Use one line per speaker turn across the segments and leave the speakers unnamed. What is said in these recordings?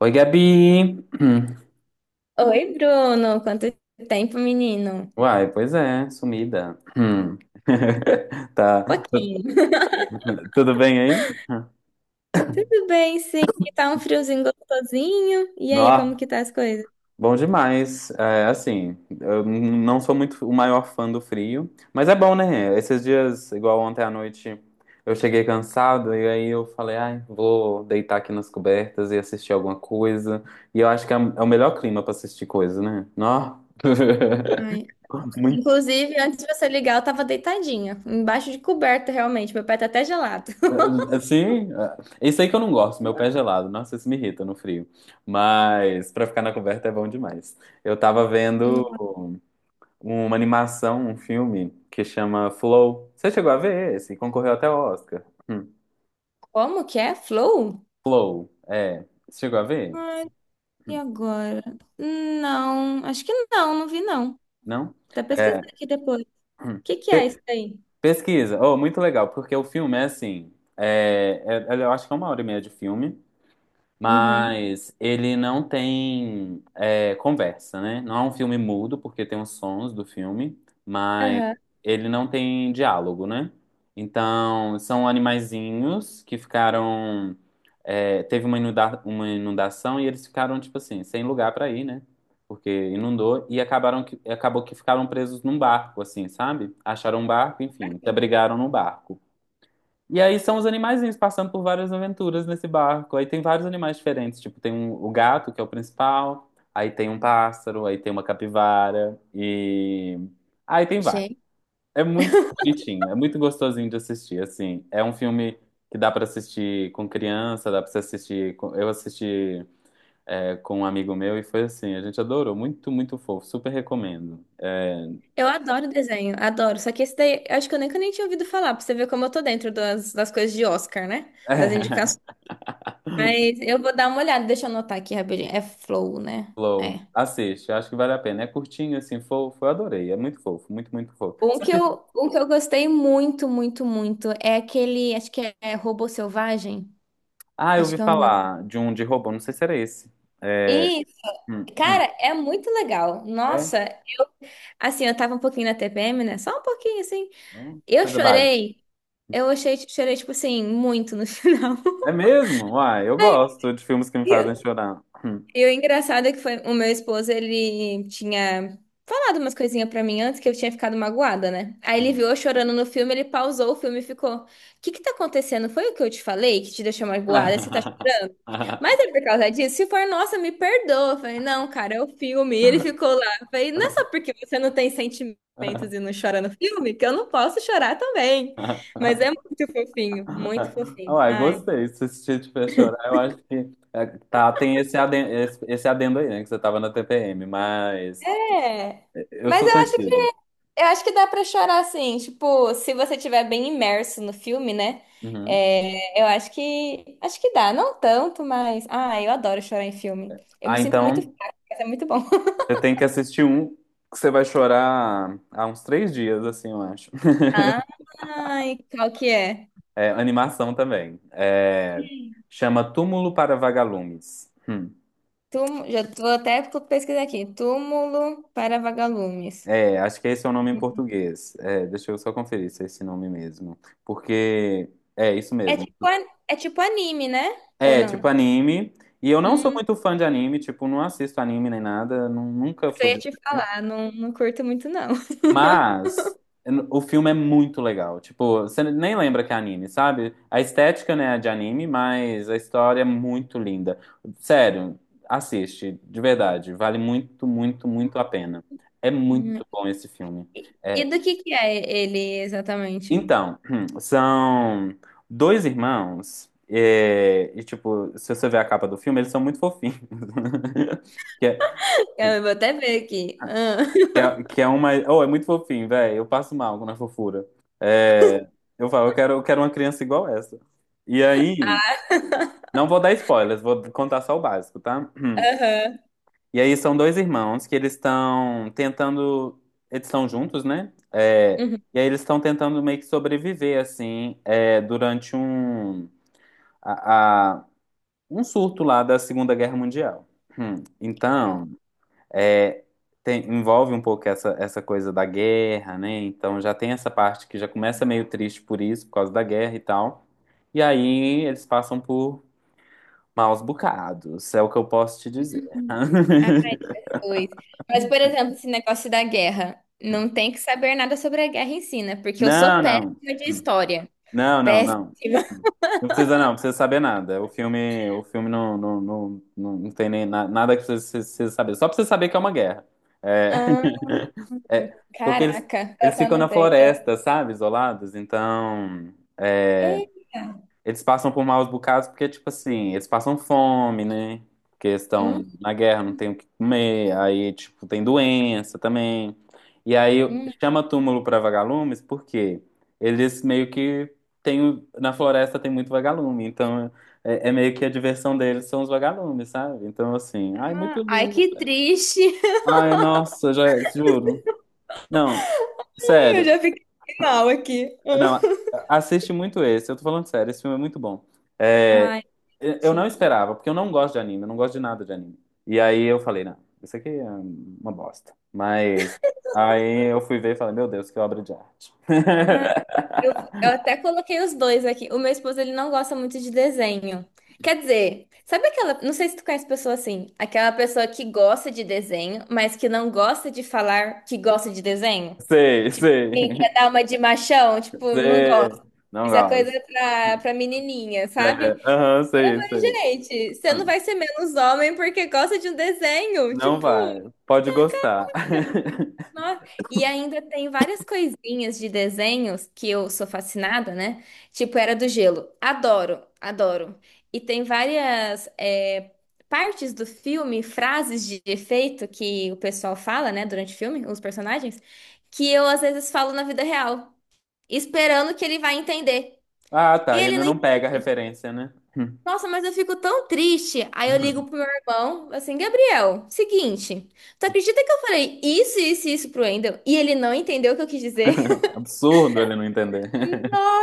Oi, Gabi!
Oi, Bruno. Quanto tempo, menino?
Uai, pois é, sumida.
Um
Tá.
pouquinho.
Tudo bem aí?
Tudo bem, sim. E tá um friozinho gostosinho. E aí, como
Nó,
que tá as coisas?
bom demais. É, assim, eu não sou muito o maior fã do frio, mas é bom, né? Esses dias, igual ontem à noite, eu cheguei cansado e aí eu falei, ai, vou deitar aqui nas cobertas e assistir alguma coisa. E eu acho que é o melhor clima pra assistir coisa, né? Nó.
Ai.
Muito
Inclusive, antes de você ligar, eu tava deitadinha, embaixo de coberta, realmente. Meu pé tá até gelado.
assim, é isso aí que eu não gosto, meu pé gelado. Nossa, isso me irrita no frio. Mas pra ficar na coberta é bom demais. Eu tava vendo
Hum.
uma animação, um filme que chama Flow. Você chegou a ver esse? Concorreu até ao Oscar. Hum.
Como que é? Flow?
Flow, é. Você chegou a ver?
Ai, e agora? Não, acho que não, não vi não.
Não?
Tá pesquisando
É.
aqui depois. O
hum.
que que é isso
Pe-
aí?
pesquisa. Oh, muito legal, porque o filme é assim. Eu acho que é 1 hora e meia de filme.
Uhum.
Mas ele não tem conversa, né? Não é um filme mudo, porque tem os sons do filme, mas
Aham.
ele não tem diálogo, né? Então, são animaizinhos que ficaram. É, teve uma inundação e eles ficaram, tipo assim, sem lugar para ir, né? Porque inundou e acabou que ficaram presos num barco, assim, sabe? Acharam um barco, enfim, se abrigaram no barco. E aí são os animaizinhos passando por várias aventuras nesse barco. Aí tem vários animais diferentes, tipo, o gato, que é o principal, aí tem um pássaro, aí tem uma capivara, e... Aí tem vários. É muito bonitinho, é muito gostosinho de assistir, assim. É um filme que dá pra assistir com criança, dá pra você assistir... Eu assisti, é, com um amigo meu e foi assim, a gente adorou, muito, muito fofo, super recomendo.
Eu adoro desenho, adoro. Só que esse daí, eu acho que eu nunca nem tinha ouvido falar, pra você ver como eu tô dentro das coisas de Oscar, né? Das indicações. Mas eu vou dar uma olhada, deixa eu anotar aqui rapidinho. É Flow,
É.
né? É.
Flow, assiste, acho que vale a pena. É curtinho, assim, fofo, eu adorei, é muito fofo, muito, muito fofo.
Um que eu gostei muito, muito, muito é aquele, acho que é Robô Selvagem.
Ah, eu
Acho
ouvi
que é o nome.
falar de um de robô, não sei se era esse. É,
Isso,
hum, hum,
cara, é muito legal. Nossa,
é?
assim, eu tava um pouquinho na TPM, né? Só um pouquinho, assim. Eu
Coisa básica.
chorei, eu achei, chorei, tipo assim, muito no final.
É mesmo? Uai, eu gosto de filmes que me fazem chorar.
E o engraçado é que foi o meu esposo, ele tinha falado umas coisinhas pra mim antes que eu tinha ficado magoada, né? Aí ele
Hum.
viu eu chorando no filme, ele pausou o filme e ficou: O que que tá acontecendo? Foi o que eu te falei que te deixou magoada? Você tá chorando? Mas é por causa disso. Se for, nossa, me perdoa. Eu falei: Não, cara, é o filme. E ele ficou lá. Eu falei: Não é só porque você não tem sentimentos e não chora no filme que eu não posso chorar também. Mas é muito fofinho, muito fofinho.
Uai,
Ai.
gostei. Se esse te tiver chorar, eu acho que é, tá, tem esse adendo, aí, né? Que você tava na TPM, mas
É.
eu
Mas
sou
eu acho que
sensível.
Eu acho que dá pra chorar, assim, tipo, se você estiver bem imerso no filme, né?
Uhum.
É, eu acho que dá, não tanto, mas ah, eu adoro chorar em filme. Eu me
Ah,
sinto muito
então
fraca, mas é muito bom.
você tem que assistir um que você vai chorar há uns 3 dias, assim, eu acho.
Ai, qual que é?
É, animação também. É, chama Túmulo para Vagalumes. Hum.
Túmulo, já tô até pesquisar aqui. Túmulo para vagalumes.
É, acho que esse é o nome em português. É, deixa eu só conferir se é esse nome mesmo. Porque é isso
É
mesmo.
tipo, é tipo anime, né? Ou
É,
não?
tipo anime. E eu não sou
Hum,
muito fã de anime, tipo, não assisto anime nem nada, nunca
isso eu
fui.
ia te falar, não, não curto muito, não.
Mas o filme é muito legal. Tipo, você nem lembra que é anime, sabe? A estética, né, é de anime, mas a história é muito linda. Sério, assiste, de verdade. Vale muito, muito, muito a pena. É
Hum.
muito bom esse filme.
E
É,
do que é ele exatamente?
então, são dois irmãos. É, e, tipo, se você ver a capa do filme, eles são muito fofinhos. Que é-
Eu vou até ver aqui. Ah.
Que é uma. Oh, é muito fofinho, velho. Eu passo mal na fofura. É, eu falo, eu quero uma criança igual essa. E aí, não vou dar spoilers, vou contar só o básico, tá?
Aham.
E aí são dois irmãos que eles estão tentando. Eles estão juntos, né? É,
Uhum.
e aí eles estão tentando meio que sobreviver, assim, é, durante a, a- um surto lá da Segunda Guerra Mundial. Então. É, envolve um pouco essa, essa coisa da guerra, né? Então já tem essa parte que já começa meio triste por isso, por causa da guerra e tal. E aí eles passam por maus bocados, é o que eu posso te dizer.
Ah, pois. Mas, por exemplo, esse negócio da guerra. Não tem que saber nada sobre a guerra em si, né? Porque eu sou
Não, não.
péssima de história.
Não, não,
Péssima.
não. Não precisa não, não precisa saber nada. O filme não, não, não, não, não tem nem nada que você precisa saber. Só pra você saber que é uma guerra. É,
Ah,
é, porque
caraca. Eu
eles
até
ficam na
anotei.
floresta, sabe? Isolados, então.
Eita.
Eles passam por maus bocados porque, tipo assim, eles passam fome, né? Porque eles
Hum,
estão na guerra, não tem o que comer. Aí, tipo, tem doença também. E aí
hum.
chama túmulo para vagalumes porque eles meio que tem, na floresta tem muito vagalume. Então é, é meio que a diversão deles são os vagalumes, sabe? Então, assim, ai, muito
Ah, ai,
lindo.
que triste.
Ai, nossa, já juro. Não,
Ai, eu
sério.
já fiquei mal aqui.
Não, assiste muito esse. Eu tô falando sério, esse filme é muito bom. É,
Ai,
eu não
gente.
esperava, porque eu não gosto de anime, eu não gosto de nada de anime. E aí eu falei, não, isso aqui é uma bosta. Mas aí eu fui ver e falei, meu Deus, que obra de arte.
Eu, eu até coloquei os dois aqui. O meu esposo, ele não gosta muito de desenho. Quer dizer, sabe aquela, não sei se tu conhece pessoa assim, aquela pessoa que gosta de desenho, mas que não gosta de falar que gosta de desenho?
Sei,
E
sei,
quer dar uma de machão, tipo, não gosta.
sei. Não
Isso é coisa
gosto.
pra, pra menininha, sabe?
É, aham,
Eu
sei,
falei,
sei.
gente, você não
Aham.
vai ser menos homem porque gosta de um desenho.
Não
Tipo,
vai. Pode gostar.
nossa, e ainda tem várias coisinhas de desenhos que eu sou fascinada, né? Tipo Era do Gelo. Adoro, adoro. E tem várias é, partes do filme, frases de efeito que o pessoal fala, né, durante o filme, os personagens, que eu às vezes falo na vida real, esperando que ele vai entender.
Ah,
E
tá. E
ele
ele
não.
não pega a referência, né?
Nossa, mas eu fico tão triste. Aí eu ligo pro meu irmão, assim, Gabriel, seguinte, tu acredita que eu falei isso, isso e isso pro Wendel e ele não entendeu o que eu quis dizer?
Absurdo ele não entender.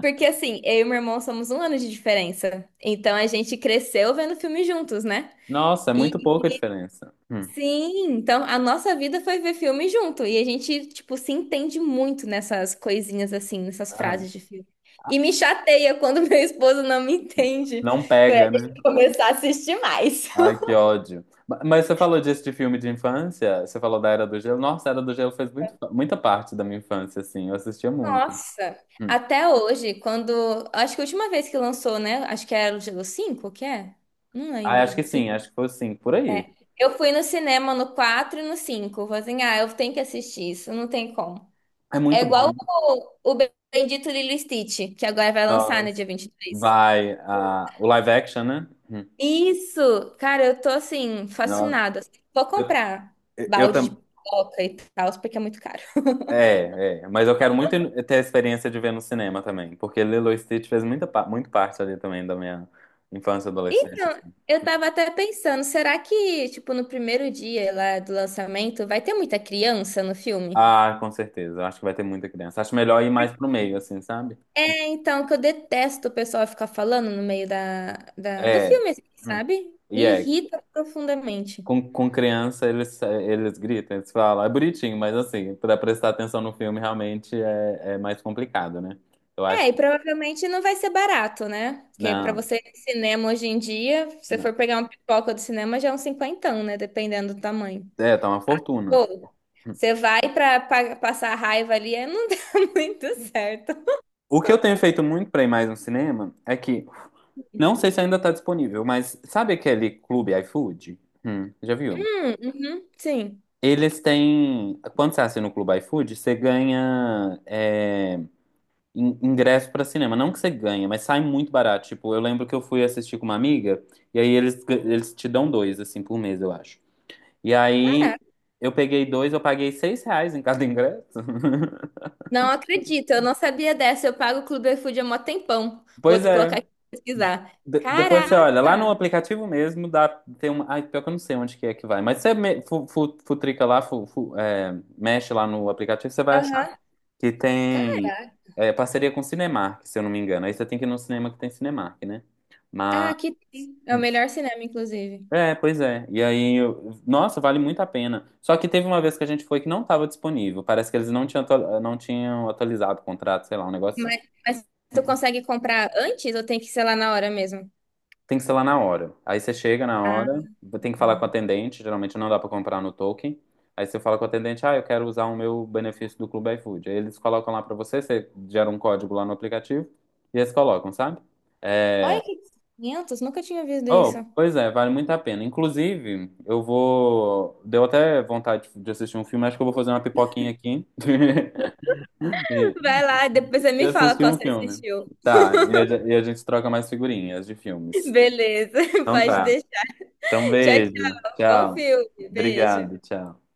Porque assim, eu e meu irmão somos um ano de diferença. Então a gente cresceu vendo filme juntos, né?
Nossa, é muito
E
pouca diferença.
sim, então a nossa vida foi ver filme junto. E a gente, tipo, se entende muito nessas coisinhas assim, nessas
Aham.
frases de filme. E me chateia quando meu esposo não me entende.
Não
Ué,
pega,
deixa
né?
eu começar a assistir mais.
Ai, que ódio. Mas você falou disso de filme de infância? Você falou da Era do Gelo? Nossa, a Era do Gelo fez muito, muita parte da minha infância, assim. Eu assistia muito.
Nossa,
Hum.
até hoje, quando. Acho que a última vez que lançou, né? Acho que era o Gelo 5 o que é? Não
Ah, acho
lembro.
que sim, acho que foi sim, por aí.
É, eu fui no cinema no 4 e no 5. Eu falei assim, ah, eu tenho que assistir isso, não tem como.
É
É
muito bom.
igual o Bendito Lilo e Stitch, que agora vai lançar no dia
Nossa.
23.
Vai, ah, o live action, né? Hum.
Isso! Cara, eu tô assim,
Nossa.
fascinada. Assim, vou comprar
Eu
balde de
também.
pipoca e tal, porque é muito caro.
É, é. Mas eu quero muito ter a experiência de ver no cinema também, porque Lilo e Stitch fez muita, muito parte ali também da minha infância e adolescência.
Então,
Assim.
eu tava até pensando, será que, tipo, no primeiro dia lá do lançamento, vai ter muita criança no filme?
Ah, com certeza. Eu acho que vai ter muita criança. Acho melhor ir mais pro meio, assim, sabe?
É, então, que eu detesto o pessoal ficar falando no meio da, do
É.
filme, assim,
Hum.
sabe?
E
Me
é,
irrita profundamente.
com criança eles gritam, eles falam, é bonitinho, mas assim, pra prestar atenção no filme realmente é, é mais complicado, né? Eu
É,
acho
e
que.
provavelmente não vai ser barato, né? Porque pra
Não,
você ir no cinema hoje em dia, se você
não.
for pegar uma pipoca do cinema, já é um cinquentão, né? Dependendo do tamanho.
É, tá uma fortuna.
Pô,
Hum.
você vai pra, passar raiva ali, aí não dá muito certo.
O que eu tenho feito muito pra ir mais no cinema é que, não sei se ainda tá disponível, mas sabe aquele Clube iFood? Já viu?
Hum, uhum, sim.
Eles têm. Quando você assina o Clube iFood, você ganha. É, ingresso pra cinema. Não que você ganha, mas sai muito barato. Tipo, eu lembro que eu fui assistir com uma amiga, e aí eles te dão dois, assim, por mês, eu acho. E aí
Caraca,
eu peguei dois, eu paguei 6 reais em cada ingresso.
não acredito, eu não sabia dessa. Eu pago o Clube iFood há mó tempão. Vou
Pois
colocar
é.
aqui pra pesquisar.
Depois você olha, lá no
Caraca!
aplicativo mesmo, dá, tem uma. Ai, pior que eu não sei onde que é que vai. Mas você futrica lá, é, mexe lá no aplicativo, você vai achar
Aham.
que tem
Caraca.
é, parceria com Cinemark, se eu não me engano. Aí você tem que ir no cinema que tem Cinemark, né?
Ah,
Mas.
aqui tem. É o
Hum,
melhor cinema, inclusive.
é, pois é. E aí, nossa, vale muito a pena. Só que teve uma vez que a gente foi que não estava disponível. Parece que eles não tinham, não tinham atualizado o contrato, sei lá, um negócio.
Mas,
Assim.
mas tu consegue comprar antes ou tem que ser lá na hora mesmo?
Tem que ser lá na hora. Aí você chega na
Ah.
hora, tem que falar com o atendente. Geralmente não dá para comprar no token. Aí você fala com o atendente, ah, eu quero usar o meu benefício do Clube iFood. Aí eles colocam lá para você, você gera um código lá no aplicativo e eles colocam, sabe? É,
Olha que 500, nunca tinha visto isso.
oh, pois é, vale muito a pena. Inclusive, eu vou. Deu até vontade de assistir um filme, acho que eu vou fazer uma pipoquinha aqui e
Vai lá, depois você
e
me fala
assistir
qual
um
você
filme.
assistiu.
Tá, e e a gente troca mais figurinhas de filmes.
Beleza,
Então
pode
tá.
deixar.
Então,
Tchau,
beijo.
tchau. Bom
Tchau.
filme. Beijo.
Obrigado, tchau.